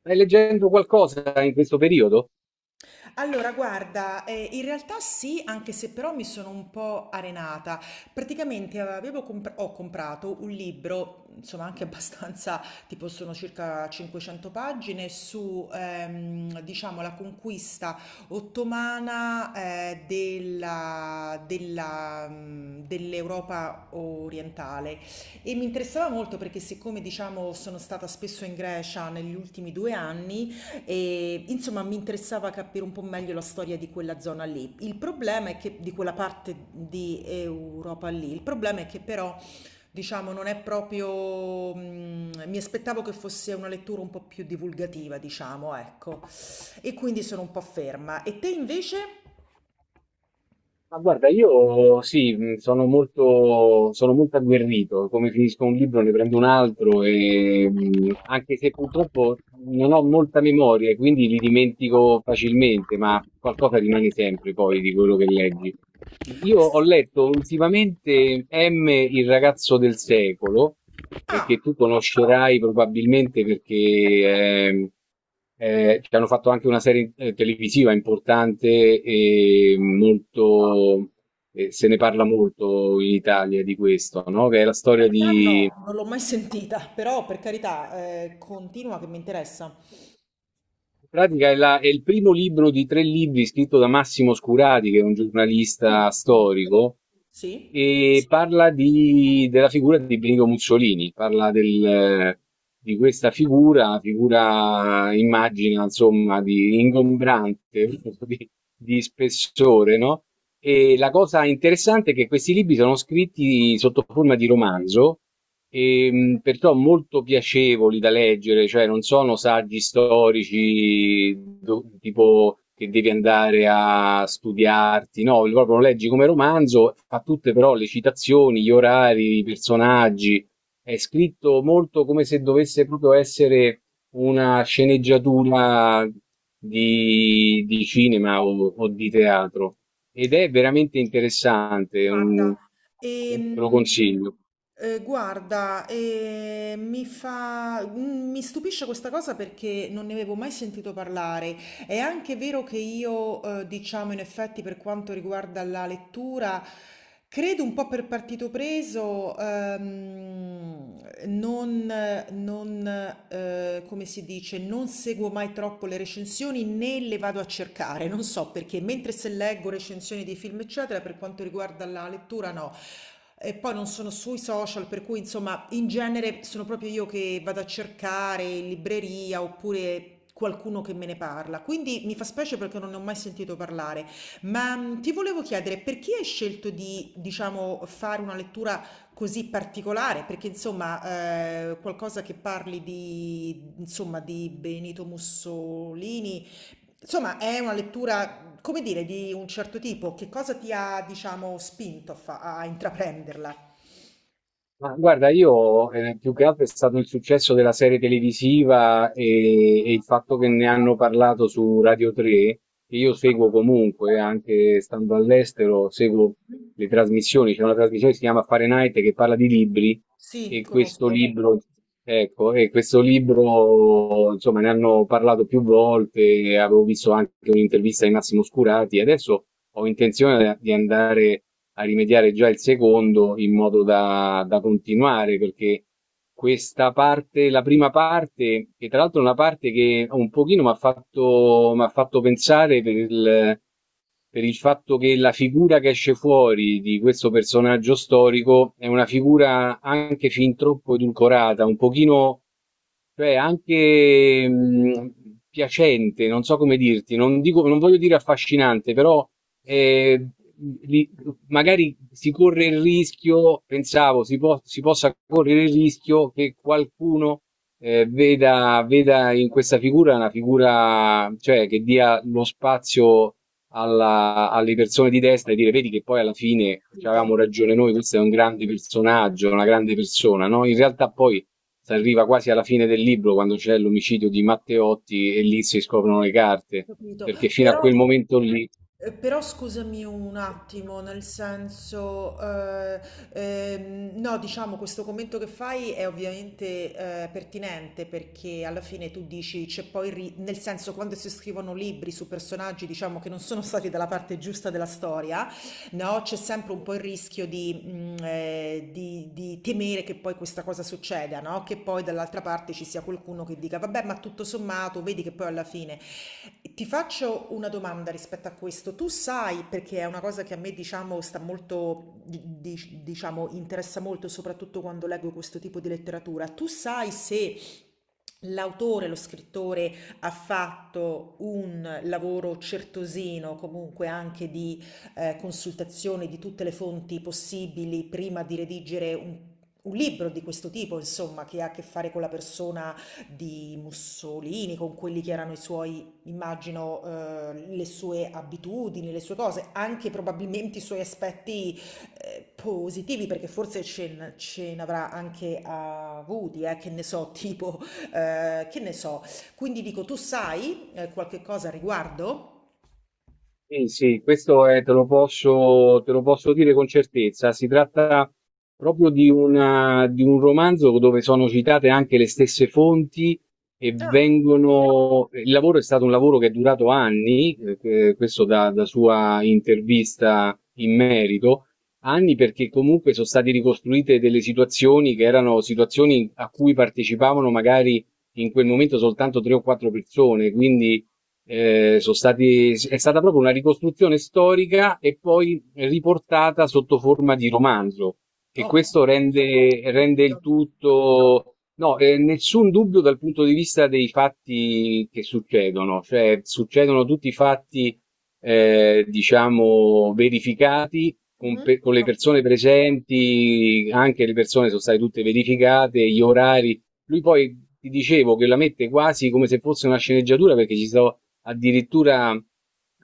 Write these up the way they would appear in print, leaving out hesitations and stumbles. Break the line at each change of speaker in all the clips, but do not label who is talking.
Stai leggendo qualcosa in questo periodo?
Allora, guarda, in realtà sì, anche se però mi sono un po' arenata. Praticamente ho comprato un libro, insomma anche abbastanza, tipo sono circa 500 pagine, su, diciamo, la conquista ottomana, della, dell'Europa orientale. E mi interessava molto perché siccome, diciamo, sono stata spesso in Grecia negli ultimi 2 anni, e, insomma, mi interessava capire un po' meglio la storia di quella zona lì. Il problema è che di quella parte di Europa lì, il problema è che però, diciamo, non è proprio, mi aspettavo che fosse una lettura un po' più divulgativa, diciamo, ecco. E quindi sono un po' ferma. E te invece?
Ma guarda, io sì, sono molto agguerrito. Come finisco un libro ne prendo un altro e anche se purtroppo non ho molta memoria, e quindi li dimentico facilmente, ma qualcosa rimane sempre poi di quello che leggi. Io ho letto ultimamente M, il ragazzo del secolo, e
Ah,
che tu conoscerai probabilmente perché ehm, ci hanno fatto anche una serie televisiva importante e molto, se ne parla molto in Italia di questo, no? Che è la
in
storia
realtà
di...
no, non l'ho mai sentita, però per carità, continua che mi interessa.
In pratica è, è il primo libro di tre libri scritto da Massimo Scurati, che è un
Sì,
giornalista
conosco.
storico,
Sì?
e parla della figura di Benito Mussolini, parla di questa figura, figura immagina insomma di ingombrante, di, di spessore, no? E la cosa interessante è che questi libri sono scritti sotto forma di romanzo. Perciò molto piacevoli da leggere, cioè non sono saggi storici tipo che devi andare a studiarti, no, proprio lo leggi come romanzo, fa tutte però le citazioni, gli orari, i personaggi, è scritto molto come se dovesse proprio essere una sceneggiatura di cinema o di teatro, ed è veramente interessante, mm,
Guarda,
te lo
ehm,
consiglio.
guarda, mi fa, mi stupisce questa cosa perché non ne avevo mai sentito parlare. È anche vero che io, diciamo, in effetti, per quanto riguarda la lettura, credo un po' per partito preso, non, non, come si dice, non seguo mai troppo le recensioni né le vado a cercare, non so perché, mentre se leggo recensioni di film, eccetera, per quanto riguarda la lettura, no. E poi non sono sui social, per cui insomma, in genere sono proprio io che vado a cercare in libreria oppure qualcuno che me ne parla. Quindi mi fa specie perché non ne ho mai sentito parlare. Ma ti volevo chiedere perché hai scelto di, diciamo, fare una lettura così particolare? Perché insomma, qualcosa che parli di, insomma, di Benito Mussolini. Insomma, è una lettura come dire, di un certo tipo, che cosa ti ha, diciamo, spinto a, a intraprenderla?
Ma guarda, io più che altro è stato il successo della serie televisiva e il fatto che ne hanno parlato su Radio 3, che io seguo comunque, anche stando all'estero, seguo
Mh.
le trasmissioni. C'è una trasmissione che si chiama Fahrenheit che parla di libri
Sì,
e questo. Sì.
conosco.
Libro. Ecco, e questo libro, insomma, ne hanno parlato più volte, avevo visto anche un'intervista di Massimo Scurati, e adesso ho intenzione di andare a rimediare già il secondo in modo da, da continuare, perché questa parte, la prima parte, che tra l'altro è una parte che un pochino mi ha fatto pensare per il fatto che la figura che esce fuori di questo personaggio storico è una figura anche fin troppo edulcorata, un pochino, cioè anche piacente, non so come dirti, non, dico, non voglio dire affascinante, però eh, li- magari si corre il rischio, pensavo, si, si possa correre il rischio che qualcuno veda in questa figura una figura, cioè, che dia lo spazio alle persone di destra e dire, vedi che poi alla
Ho
fine ci
capito, ho
avevamo ragione noi, questo è un grande personaggio, una grande persona, no? In realtà poi si arriva quasi alla fine del libro quando c'è l'omicidio di Matteotti e lì si scoprono le carte,
capito.
perché fino a
Però
quel momento lì.
però scusami un attimo, nel senso, no, diciamo questo commento che fai è ovviamente, pertinente perché alla fine tu dici c'è poi il ri nel senso quando si scrivono libri su personaggi, diciamo, che non sono stati dalla parte giusta della storia no? C'è sempre un po' il rischio di, di temere che poi questa cosa succeda, no, che poi dall'altra parte ci sia qualcuno che dica: "Vabbè, ma tutto sommato vedi che poi alla fine". Ti faccio una domanda rispetto a questo: tu sai, perché è una cosa che a me diciamo sta molto di dic diciamo interessa molto, soprattutto quando leggo questo tipo di letteratura, tu sai se l'autore, lo scrittore ha fatto un lavoro certosino, comunque anche di consultazione di tutte le fonti possibili prima di redigere un libro di questo tipo, insomma, che ha a che fare con la persona di Mussolini, con quelli che erano i suoi, immagino, le sue abitudini, le sue cose, anche probabilmente i suoi aspetti positivi, perché forse ce ne avrà anche avuti, che ne so, tipo, che ne so. Quindi dico, tu sai qualche cosa a riguardo?
Sì, sì, questo è te lo posso dire con certezza. Si tratta proprio di una di un romanzo dove sono citate anche le stesse fonti e
Ah.
vengono... Il lavoro è stato un lavoro che è durato anni, questo da, da sua intervista in merito, anni perché comunque sono state ricostruite delle situazioni che erano situazioni a cui partecipavano magari in quel momento soltanto tre o quattro persone, quindi sono stati, è stata proprio una ricostruzione storica e poi riportata sotto forma di romanzo. E
Ho
questo
capito,
rende,
ho
rende il
capito.
tutto, no, nessun dubbio dal punto di vista dei fatti che succedono, cioè succedono tutti i fatti, diciamo, verificati con,
Mh-mh.
con le
Ho
persone
capito.
presenti, anche le persone sono state tutte verificate, gli orari. Lui poi ti dicevo che la mette quasi come se fosse una sceneggiatura perché ci sono addirittura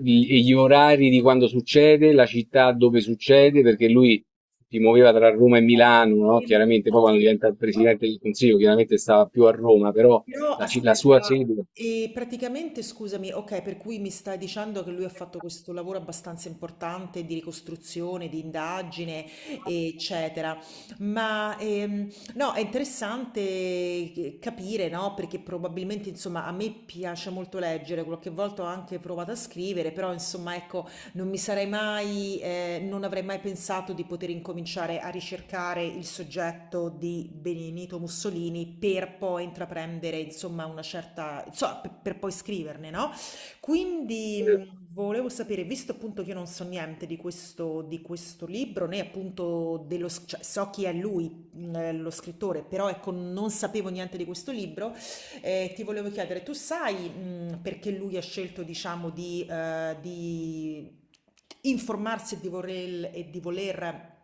gli orari di quando succede, la città dove succede, perché lui si muoveva tra Roma e Milano, no? Chiaramente,
Ho
poi quando diventa
capito.
il presidente del Consiglio, chiaramente stava più a Roma, però
Però
la, la sua
aspetta,
sede.
e praticamente scusami, okay, per cui mi stai dicendo che lui ha fatto questo lavoro abbastanza importante di ricostruzione, di indagine, eccetera. Ma, no, è interessante che capire, no, perché probabilmente, insomma, a me piace molto leggere, qualche volta ho anche provato a scrivere, però insomma, ecco, non mi sarei mai, non avrei mai pensato di poter incominciare a ricercare il soggetto di Benito Mussolini per poi intraprendere, insomma, una certa, insomma, per poi scriverne, no? Quindi
Eh,
volevo sapere, visto appunto che io non so niente di questo, di questo libro, né appunto dello, cioè, so chi è lui, lo scrittore, però ecco, non sapevo niente di questo libro. Ti volevo chiedere, tu sai, perché lui ha scelto, diciamo, di informarsi e di e di voler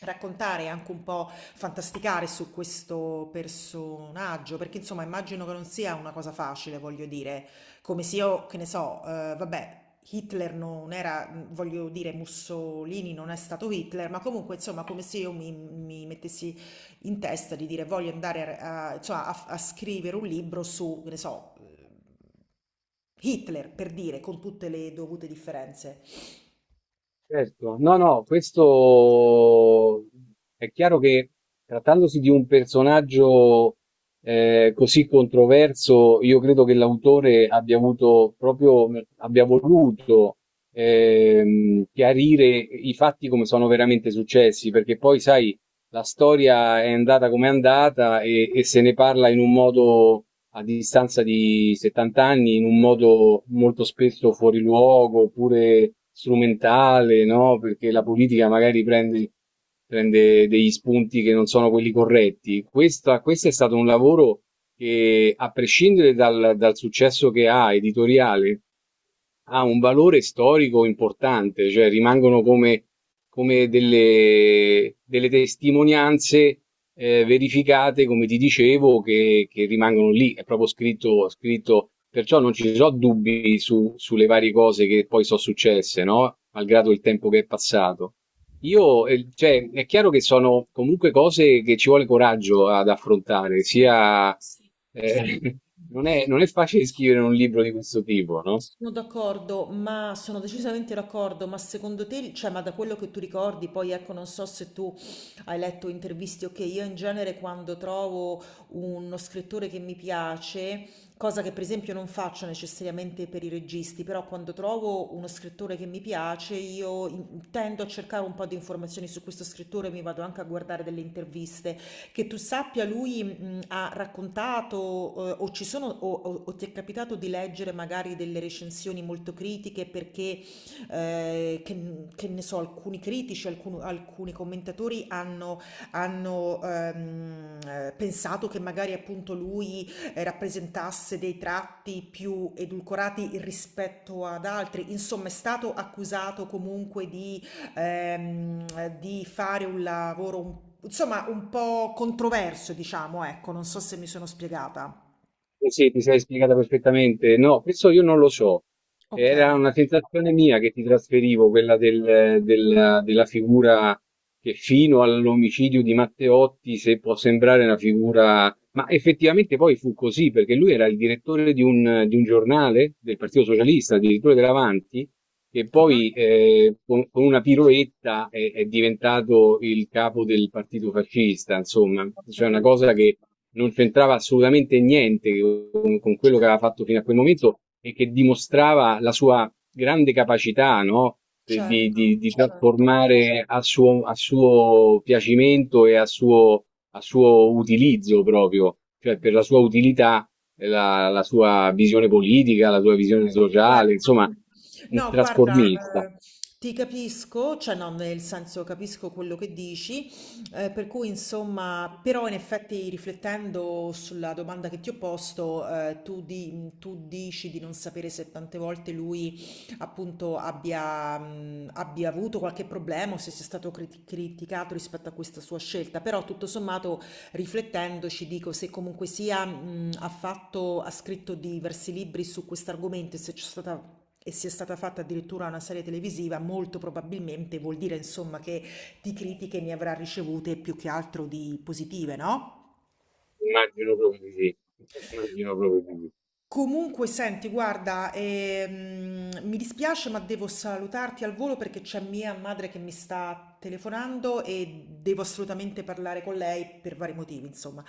raccontare e anche un po' fantasticare su questo personaggio, perché insomma immagino che non sia una cosa facile, voglio dire, come se io, che ne so, vabbè, Hitler non era, voglio dire, Mussolini non è stato Hitler, ma comunque insomma come se io mi mettessi in testa di dire voglio andare a, cioè, a scrivere un libro su, che ne so, Hitler, per dire, con tutte le dovute differenze.
certo, no, no, questo è chiaro che trattandosi di un personaggio così controverso, io credo che l'autore abbia avuto proprio, abbia voluto chiarire i fatti come sono veramente successi, perché poi, sai, la storia è andata come è andata e se ne parla in un modo a distanza di 70 anni in un modo molto spesso fuori luogo oppure strumentale, no? Perché la politica magari prende, prende degli spunti che non sono quelli corretti. Questa, questo è stato un lavoro che, a prescindere dal, dal successo che ha editoriale, ha un valore storico importante, cioè rimangono come, come delle, delle testimonianze verificate, come ti dicevo, che rimangono lì, è proprio scritto, scritto, perciò non ci sono dubbi sulle varie cose che poi sono successe, no? Malgrado il tempo che è passato. Io, cioè, è chiaro che sono comunque cose che ci vuole coraggio ad affrontare,
Sì,
sia,
sì.
eh, non è facile scrivere un libro di questo tipo, no?
Sono d'accordo, ma sono decisamente d'accordo, ma secondo te, cioè, ma da quello che tu ricordi, poi ecco, non so se tu hai letto interviste, ok, io in genere quando trovo uno scrittore che mi piace, cosa che per esempio non faccio necessariamente per i registi, però quando trovo uno scrittore che mi piace, io tendo a cercare un po' di informazioni su questo scrittore, mi vado anche a guardare delle interviste. Che tu sappia lui, ha raccontato, o ci sono o ti è capitato di leggere magari delle recensioni molto critiche perché, che ne so, alcuni critici, alcunu alcuni commentatori pensato che magari appunto lui, rappresentasse dei tratti più edulcorati rispetto ad altri. Insomma, è stato accusato comunque di fare un lavoro, insomma, un po' controverso, diciamo, ecco, non so se mi sono spiegata.
Sì, sì, ti sei spiegata perfettamente. No, questo io non lo so.
Ok.
Era una sensazione mia che ti trasferivo, quella della figura che fino all'omicidio di Matteotti, se può sembrare una figura... Ma effettivamente poi fu così, perché lui era il direttore di un giornale del Partito Socialista, addirittura dell'Avanti, e
Ah,
poi con una piroetta è diventato il capo del partito fascista, insomma,
ho
cioè una
capito.
cosa che non c'entrava assolutamente niente con, con quello che aveva
Certo,
fatto fino a quel momento e che dimostrava la sua grande capacità, no? Di, di-
certo,
di di
certo.
trasformare a suo piacimento e a suo utilizzo proprio, cioè per la sua utilità la, la sua visione politica, la sua visione
Guarda,
sociale, insomma, un
no, guarda,
trasformista.
ti capisco, cioè no, nel senso capisco quello che dici, per cui insomma, però in effetti riflettendo sulla domanda che ti ho posto, tu, tu dici di non sapere se tante volte lui appunto abbia, abbia avuto qualche problema o se sia stato criticato rispetto a questa sua scelta, però tutto sommato riflettendoci dico se comunque sia ha fatto, ha scritto diversi libri su questo argomento e se c'è stata e sia stata fatta addirittura una serie televisiva, molto probabilmente vuol dire insomma che di critiche ne avrà ricevute più che altro di positive, no?
Immagino proprio di sì. Immagino proprio di sì.
Comunque senti guarda, mi dispiace ma devo salutarti al volo perché c'è mia madre che mi sta telefonando e devo assolutamente parlare con lei per vari motivi insomma.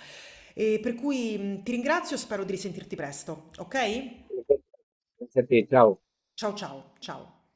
E per cui, ti ringrazio, e spero di risentirti presto, ok?
Grazie a te, ciao.
Ciao ciao, ciao.